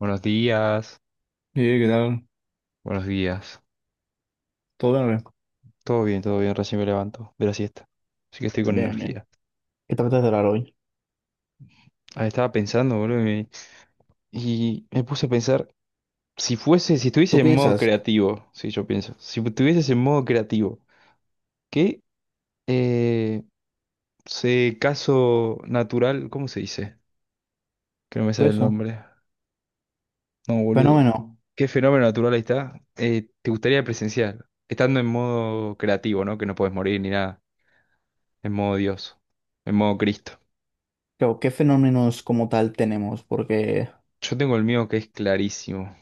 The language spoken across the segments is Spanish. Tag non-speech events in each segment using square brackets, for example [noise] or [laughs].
Buenos días, Sí, ¿qué tal? buenos días. ¿Todo bien o qué? Todo bien, recién me levanto de la siesta. Así que estoy con Bien, bien. energía. ¿Qué te apetece hablar hoy? Ah, estaba pensando, boludo, y me puse a pensar, si estuviese ¿Tú en modo piensas creativo, sí, yo pienso, si estuvieses en modo creativo, ¿qué eh, caso natural, ¿cómo se dice? Que no me de sale el eso? nombre. No, boludo. Fenómeno. ¿Qué fenómeno natural ahí está? ¿Te gustaría presenciar? Estando en modo creativo, ¿no? Que no puedes morir ni nada. En modo Dios, en modo Cristo. Claro, ¿qué fenómenos como tal tenemos? Porque, Yo tengo el mío que es clarísimo,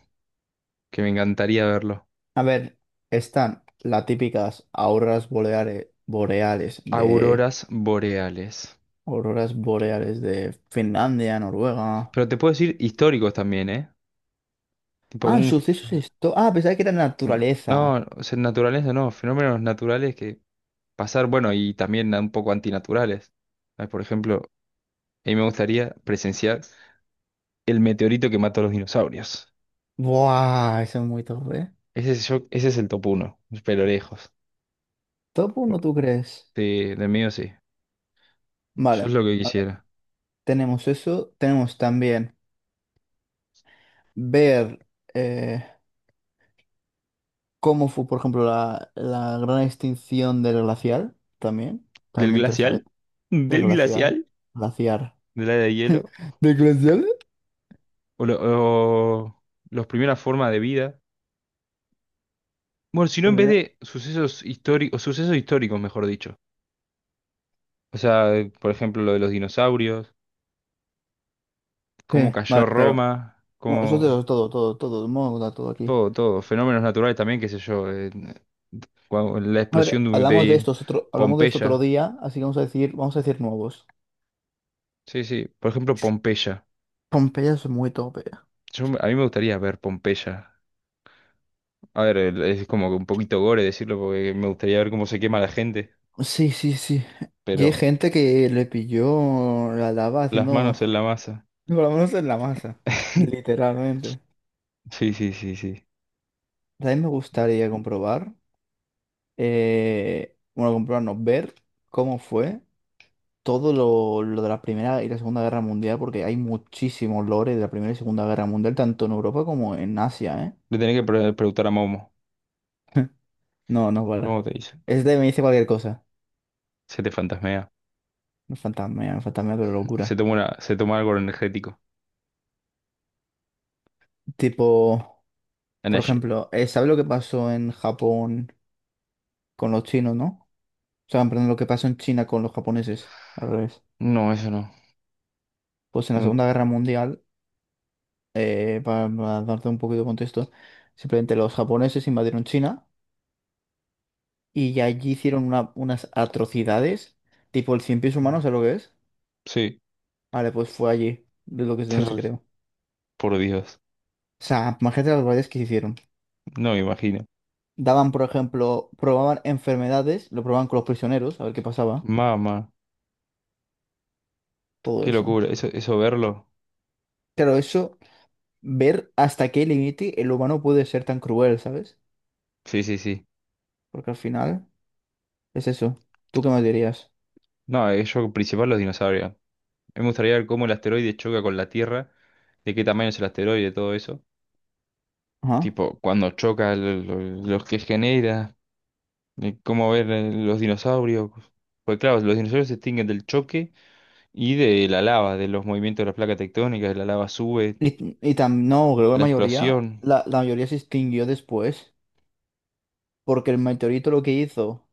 que me encantaría verlo. a ver, están las típicas auroras boreales, boreales de Auroras boreales. auroras boreales de Finlandia, Noruega. Pero te puedo decir históricos también, ¿eh? Tipo Ah, un... f- sucesos esto. Ah, pensaba que era naturaleza. No, o sea, naturaleza no, fenómenos naturales que pasar, bueno, y también un poco antinaturales. Ah, por ejemplo, a mí me gustaría presenciar el meteorito que mató a los dinosaurios. Buah, eso es muy top, ¿eh? Ese es el top uno, pero lejos. Top Sí, uno, ¿tú crees? del mío sí, yo es Vale, lo que a ver, quisiera. tenemos eso. Tenemos también ver. eh, Cómo fue, por ejemplo, la gran extinción del glacial también. También ¿Del me interesaría. glacial? El ¿Del glacial. glacial? Glaciar. ¿Del área de hielo? ¿De glacial? o, lo- o las primeras formas de vida. Bueno, sino en vez Sobre... de sucesos históricos, mejor dicho. O sea, por ejemplo, lo de los dinosaurios, Sí, cómo vale, cayó claro. Roma, Bueno, eso cómo es todo, todo, todo, vamos a contar todo aquí. todo, todo, fenómenos naturales también, qué sé yo, la A explosión ver, de, hablamos de de estos otro, hablamos de esto otro Pompeya. día, así que vamos a decir nuevos. Sí, sí, por ejemplo, Pompeya. Pompeya es muy tope. A mí me gustaría ver Pompeya. A ver, es como que un poquito gore decirlo porque me gustaría ver cómo se quema la gente, Sí, sí, sí. Y pero hay gente que le pilló la lava las manos en la haciendo, masa. [laughs] por lo menos en la masa, [laughs] literalmente. Sí, sí, sí, sí. También me gustaría comprobar. Bueno, comprarnos, ver cómo fue todo lo de la Primera y la Segunda Guerra Mundial, porque hay muchísimos lores de la Primera y Segunda Guerra Mundial, tanto en Europa como en Asia. Le tenés que preguntar a Momo. ¿Eh? [laughs] No, no para. Luego te dice. Este me dice cualquier cosa. Se te fantasmea. No fantasma, fantasma, pero Se locura. toma una, se toma algo energético. Tipo, por Energy. ejemplo, ¿sabes lo que pasó en Japón con los chinos, no? O sea, perdón, lo que pasó en China con los japoneses, al revés. No, eso no. Pues en la No. Segunda Guerra Mundial para darte un poquito de contexto, simplemente los japoneses invadieron China y allí hicieron unas atrocidades, tipo el cien pies humano, ¿sabes lo que es? Sí. Vale, pues fue allí, de lo que es donde se Ter- creó. Por Dios. O sea, imagínate las barbaridades que se hicieron. No me imagino. Daban, por ejemplo, probaban enfermedades, lo probaban con los prisioneros, a ver qué pasaba, Mamá. todo Qué eso. locura. Eso verlo. Claro, eso, ver hasta qué límite el humano puede ser tan cruel, ¿sabes? Sí, sí, sí. Porque al final es eso. ¿Tú qué me dirías? No, yo principal los dinosaurios. A mí me gustaría ver cómo el asteroide choca con la Tierra. De qué tamaño es el asteroide, todo eso. Ajá. Tipo, cuando choca, lo que genera. Cómo ver los dinosaurios. Pues claro, los dinosaurios se extinguen del choque y de la lava, de los movimientos de las placas tectónicas, de la lava sube, Y tam... no, creo que de la la mayoría, explosión. la mayoría se extinguió después, porque el meteorito lo que hizo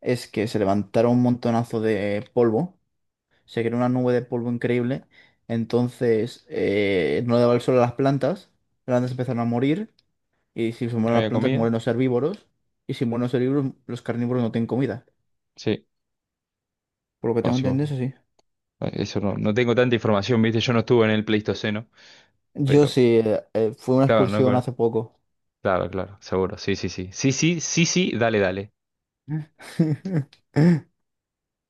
es que se levantaron un montonazo de polvo, se creó una nube de polvo increíble, entonces no le daba el sol a las plantas empezaron a morir, y si se ¿No mueren las había plantas, comida? mueren los herbívoros, y si mueren los herbívoros, los carnívoros no tienen comida. Sí, Por lo que no, tengo sí, entendido, eso sí. Eso no, no tengo tanta información, ¿viste? Yo no estuve en el Pleistoceno, Yo pero sí, fue una claro, no, excursión hace poco. claro, claro, seguro. Sí, sí, sí. Sí, sí, sí, sí, dale, dale. [laughs]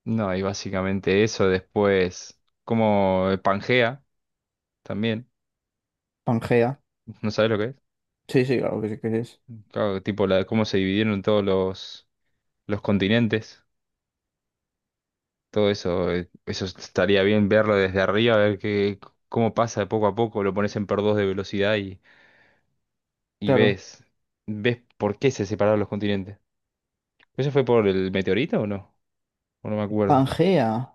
No, y básicamente eso después, como el Pangea también, Pangea. ¿no sabes lo que es? Sí, sí, claro que sí que es. Claro, tipo cómo se dividieron todos los continentes. Todo eso, eso estaría bien verlo desde arriba, a ver qué, cómo pasa de poco a poco, lo pones en por dos de velocidad y Claro. ves por qué se separaron los continentes. ¿Eso fue por el meteorito o no? O no me acuerdo. Pangea,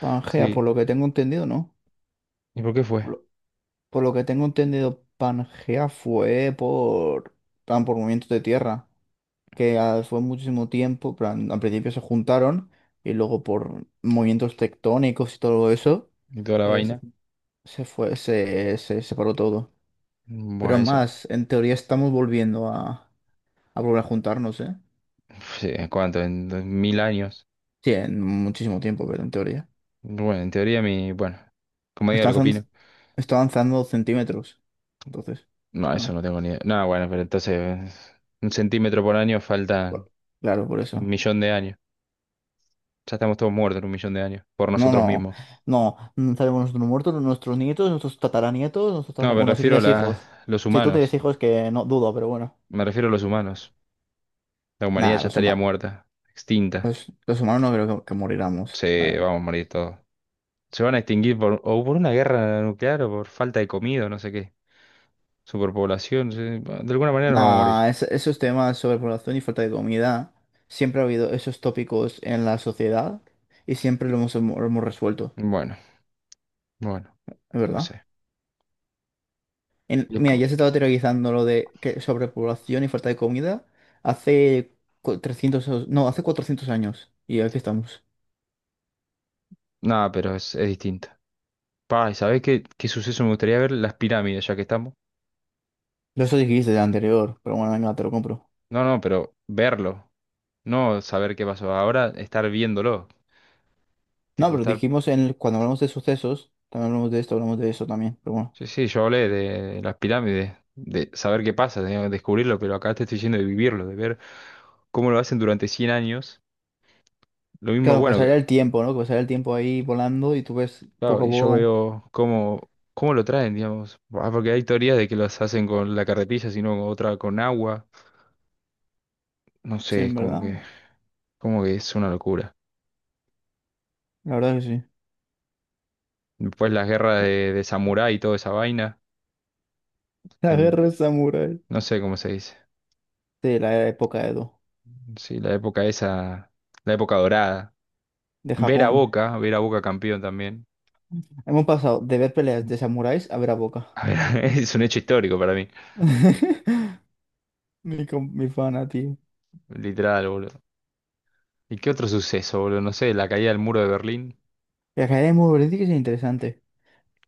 Pangea, por Sí. lo que tengo entendido, ¿no? ¿Y por qué fue? Por lo, por lo que tengo entendido, Pangea fue por, plan, por movimientos de tierra, que fue muchísimo tiempo, plan, al principio se juntaron y luego por movimientos tectónicos y todo eso, Y toda la eh, se, vaina. se fue, se separó todo. Bueno, Pero eso, más, en teoría estamos volviendo a volver a juntarnos, ¿eh? [laughs] sí, ¿en cuánto? En 2000 años. Sí, en muchísimo tiempo, pero en teoría. Bueno, en teoría, como diga Está lo que avanzando, opino. está avanzando centímetros, entonces. No, eso Bueno. no tengo ni idea. No, bueno, pero entonces 1 cm por año Bueno, faltan claro, por un eso. millón de años. Ya estamos todos muertos en 1 millón de años, por No, nosotros no, mismos. no, no sabemos nuestros muertos, nuestros nietos, nuestros tataranietos, nuestros No, tatara... me Bueno, si refiero a tienes hijos. los Si tú tienes humanos. hijos, que no dudo, pero bueno. Me refiero a los humanos. La humanidad Nada, ya estaría muerta, extinta. Los humanos no creo que moriramos. Ah, Se vamos a morir todos. Se van a extinguir por, o por una guerra nuclear o por falta de comida, no sé qué. Superpoblación, sí. Bueno, de alguna manera nos vamos a morir. nada, esos temas sobre población y falta de comida, siempre ha habido esos tópicos en la sociedad y siempre lo hemos resuelto, Bueno, bueno, ¿es no verdad? sé. En... mira, Despu- ya se estaba teorizando lo de que sobrepoblación y falta de comida hace 300, no, hace 400 años. Y aquí estamos. Nada, pero es distinto. Pa, ¿y sabés qué, qué suceso me gustaría ver? Las pirámides, ya que estamos. No, eso dijiste de anterior, pero bueno, venga, te lo compro. No, no, pero verlo. No saber qué pasó. Ahora estar viéndolo. No, Tipo, pero estar. dijimos en el... cuando hablamos de sucesos, también hablamos de esto, hablamos de eso también, pero bueno. Sí, sí, yo hablé de las pirámides, de saber qué pasa, de descubrirlo, pero acá te estoy diciendo de vivirlo, de ver cómo lo hacen durante 100 años. Lo mismo, Claro, bueno, pasaría el tiempo, ¿no? Que pasaría el tiempo ahí volando y tú ves claro, poco a y yo poco. veo cómo lo traen, digamos. Ah, porque hay teorías de que las hacen con la carretilla, sino con otra con agua. No Sí, sé, es en como verdad. que, como que es una locura. La verdad que sí. Después las guerras ¿Qué? de samurái y toda esa vaina, La en, guerra de samurái. no sé cómo se dice. Sí, la época Edo, Sí, la época esa, la época dorada. de Ver a Japón. Boca, ver a Boca campeón también. Hemos pasado de ver peleas de samuráis a ver a Boca. A ver, [laughs] es un hecho histórico para mí. [laughs] Mi, com... mi pana, tío. Literal, boludo. ¿Y qué otro suceso, boludo? No sé, la caída del muro de Berlín. La carrera de Morency que es interesante.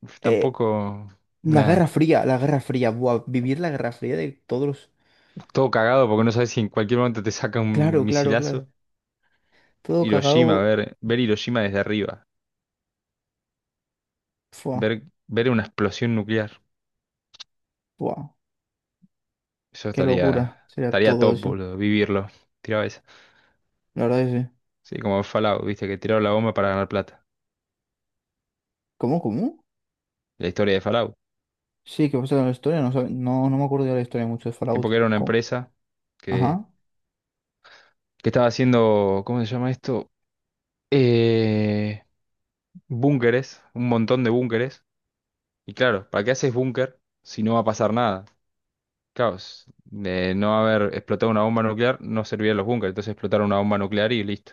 Uf, Eh, tampoco. la Guerra Nada. Fría, la Guerra Fría. Buah, vivir la Guerra Fría de todos los... Todo cagado porque no sabes si en cualquier momento te saca un Claro, claro, claro. misilazo. Todo Hiroshima, cagado. ver Hiroshima desde arriba. Fua, Ver, ver una explosión nuclear. buah. Eso Qué estaría. locura sería Estaría todo top, eso. boludo. Vivirlo. Tiraba esa. La verdad es que sí. Sí, como Fallout, viste, que tiraron la bomba para ganar plata. ¿Cómo, cómo? La historia de Fallout. Sí, ¿qué pasa con la historia? No, sabe... no, no me acuerdo de la historia mucho de Tipo que Fallout. era una ¿Cómo? empresa que, Ajá. que estaba haciendo. ¿Cómo se llama esto? Eh. Búnkeres, un montón de búnkeres. Y claro, ¿para qué haces búnker si no va a pasar nada? Claro, de no haber explotado una bomba nuclear no servían los búnkeres, entonces explotaron una bomba nuclear y listo.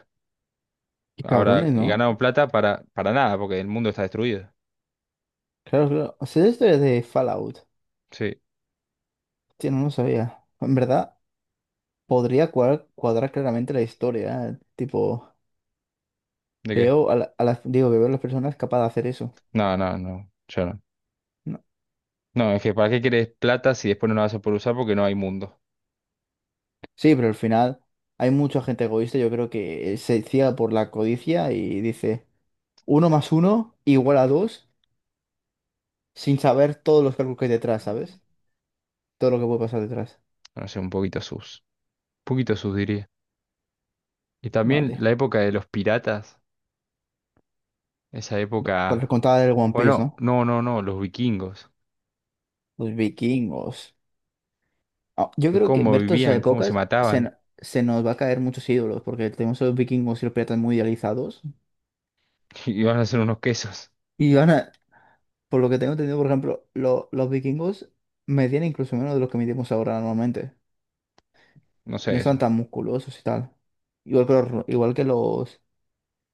Qué Ahora, cabrones, y ¿no? ganaron plata para nada, porque el mundo está destruido. Claro, claro. O sea, la historia de Fallout. Sí, Tío, no lo sabía. En verdad, podría cuadrar, cuadrar claramente la historia. ¿Eh? Tipo... ¿de qué? Veo a, la... a las, digo que veo a las personas capaces de hacer eso. No, no, no, yo no. ¿No? No, es que ¿para qué querés plata si después no la vas a poder usar porque no hay mundo? Sí, pero al final hay mucha gente egoísta, yo creo que se ciega por la codicia y dice uno más uno igual a dos, sin saber todos los cálculos que hay detrás, ¿sabes? Todo lo que puede pasar detrás. No sé, un poquito sus. Un poquito sus diría. Y también Madre. la época de los piratas, esa Para época. contar el One Piece, Bueno, ¿no? no, no, no, los vikingos. Los vikingos. Ah, yo De creo que cómo ver todas esas vivían, cómo se épocas se, mataban, n... se nos va a caer muchos ídolos, porque tenemos a los vikingos y los piratas muy idealizados. [laughs] y van a hacer unos quesos. Y van a, por lo que tengo entendido, por ejemplo, los vikingos medían incluso menos de lo que medimos ahora normalmente. No Y no sé están eso, tan musculosos y tal. Igual que igual que los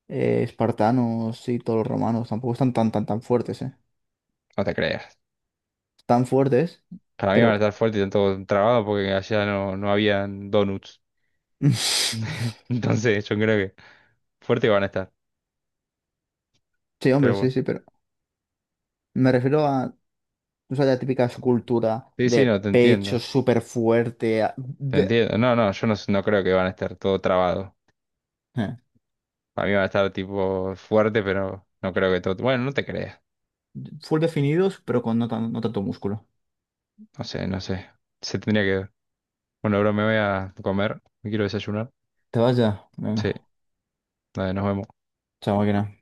espartanos y todos los romanos, tampoco están tan, tan, tan fuertes, ¿eh? no te creas. Están fuertes, Para mí van a pero... estar fuertes y están todos trabados porque allá no habían donuts. [laughs] [laughs] Entonces yo creo que fuertes van a estar, Sí, hombre, pero sí, bueno. sí, pero me refiero a, o sea, la típica escultura Sí, sí, de no, te pecho entiendo. súper fuerte, Te entiendo. No, no, yo no, no creo que van a estar todo trabado. eh, Para mí van a estar tipo fuerte, pero no creo que todo. Bueno, no te creas. full definidos, pero con no, no tanto músculo. No sé, no sé. Se tendría que ver. Bueno, bro, me voy a comer. Me quiero desayunar. ¿Te vas ya? Sí, Venga, dale, nos vemos. chao, máquina.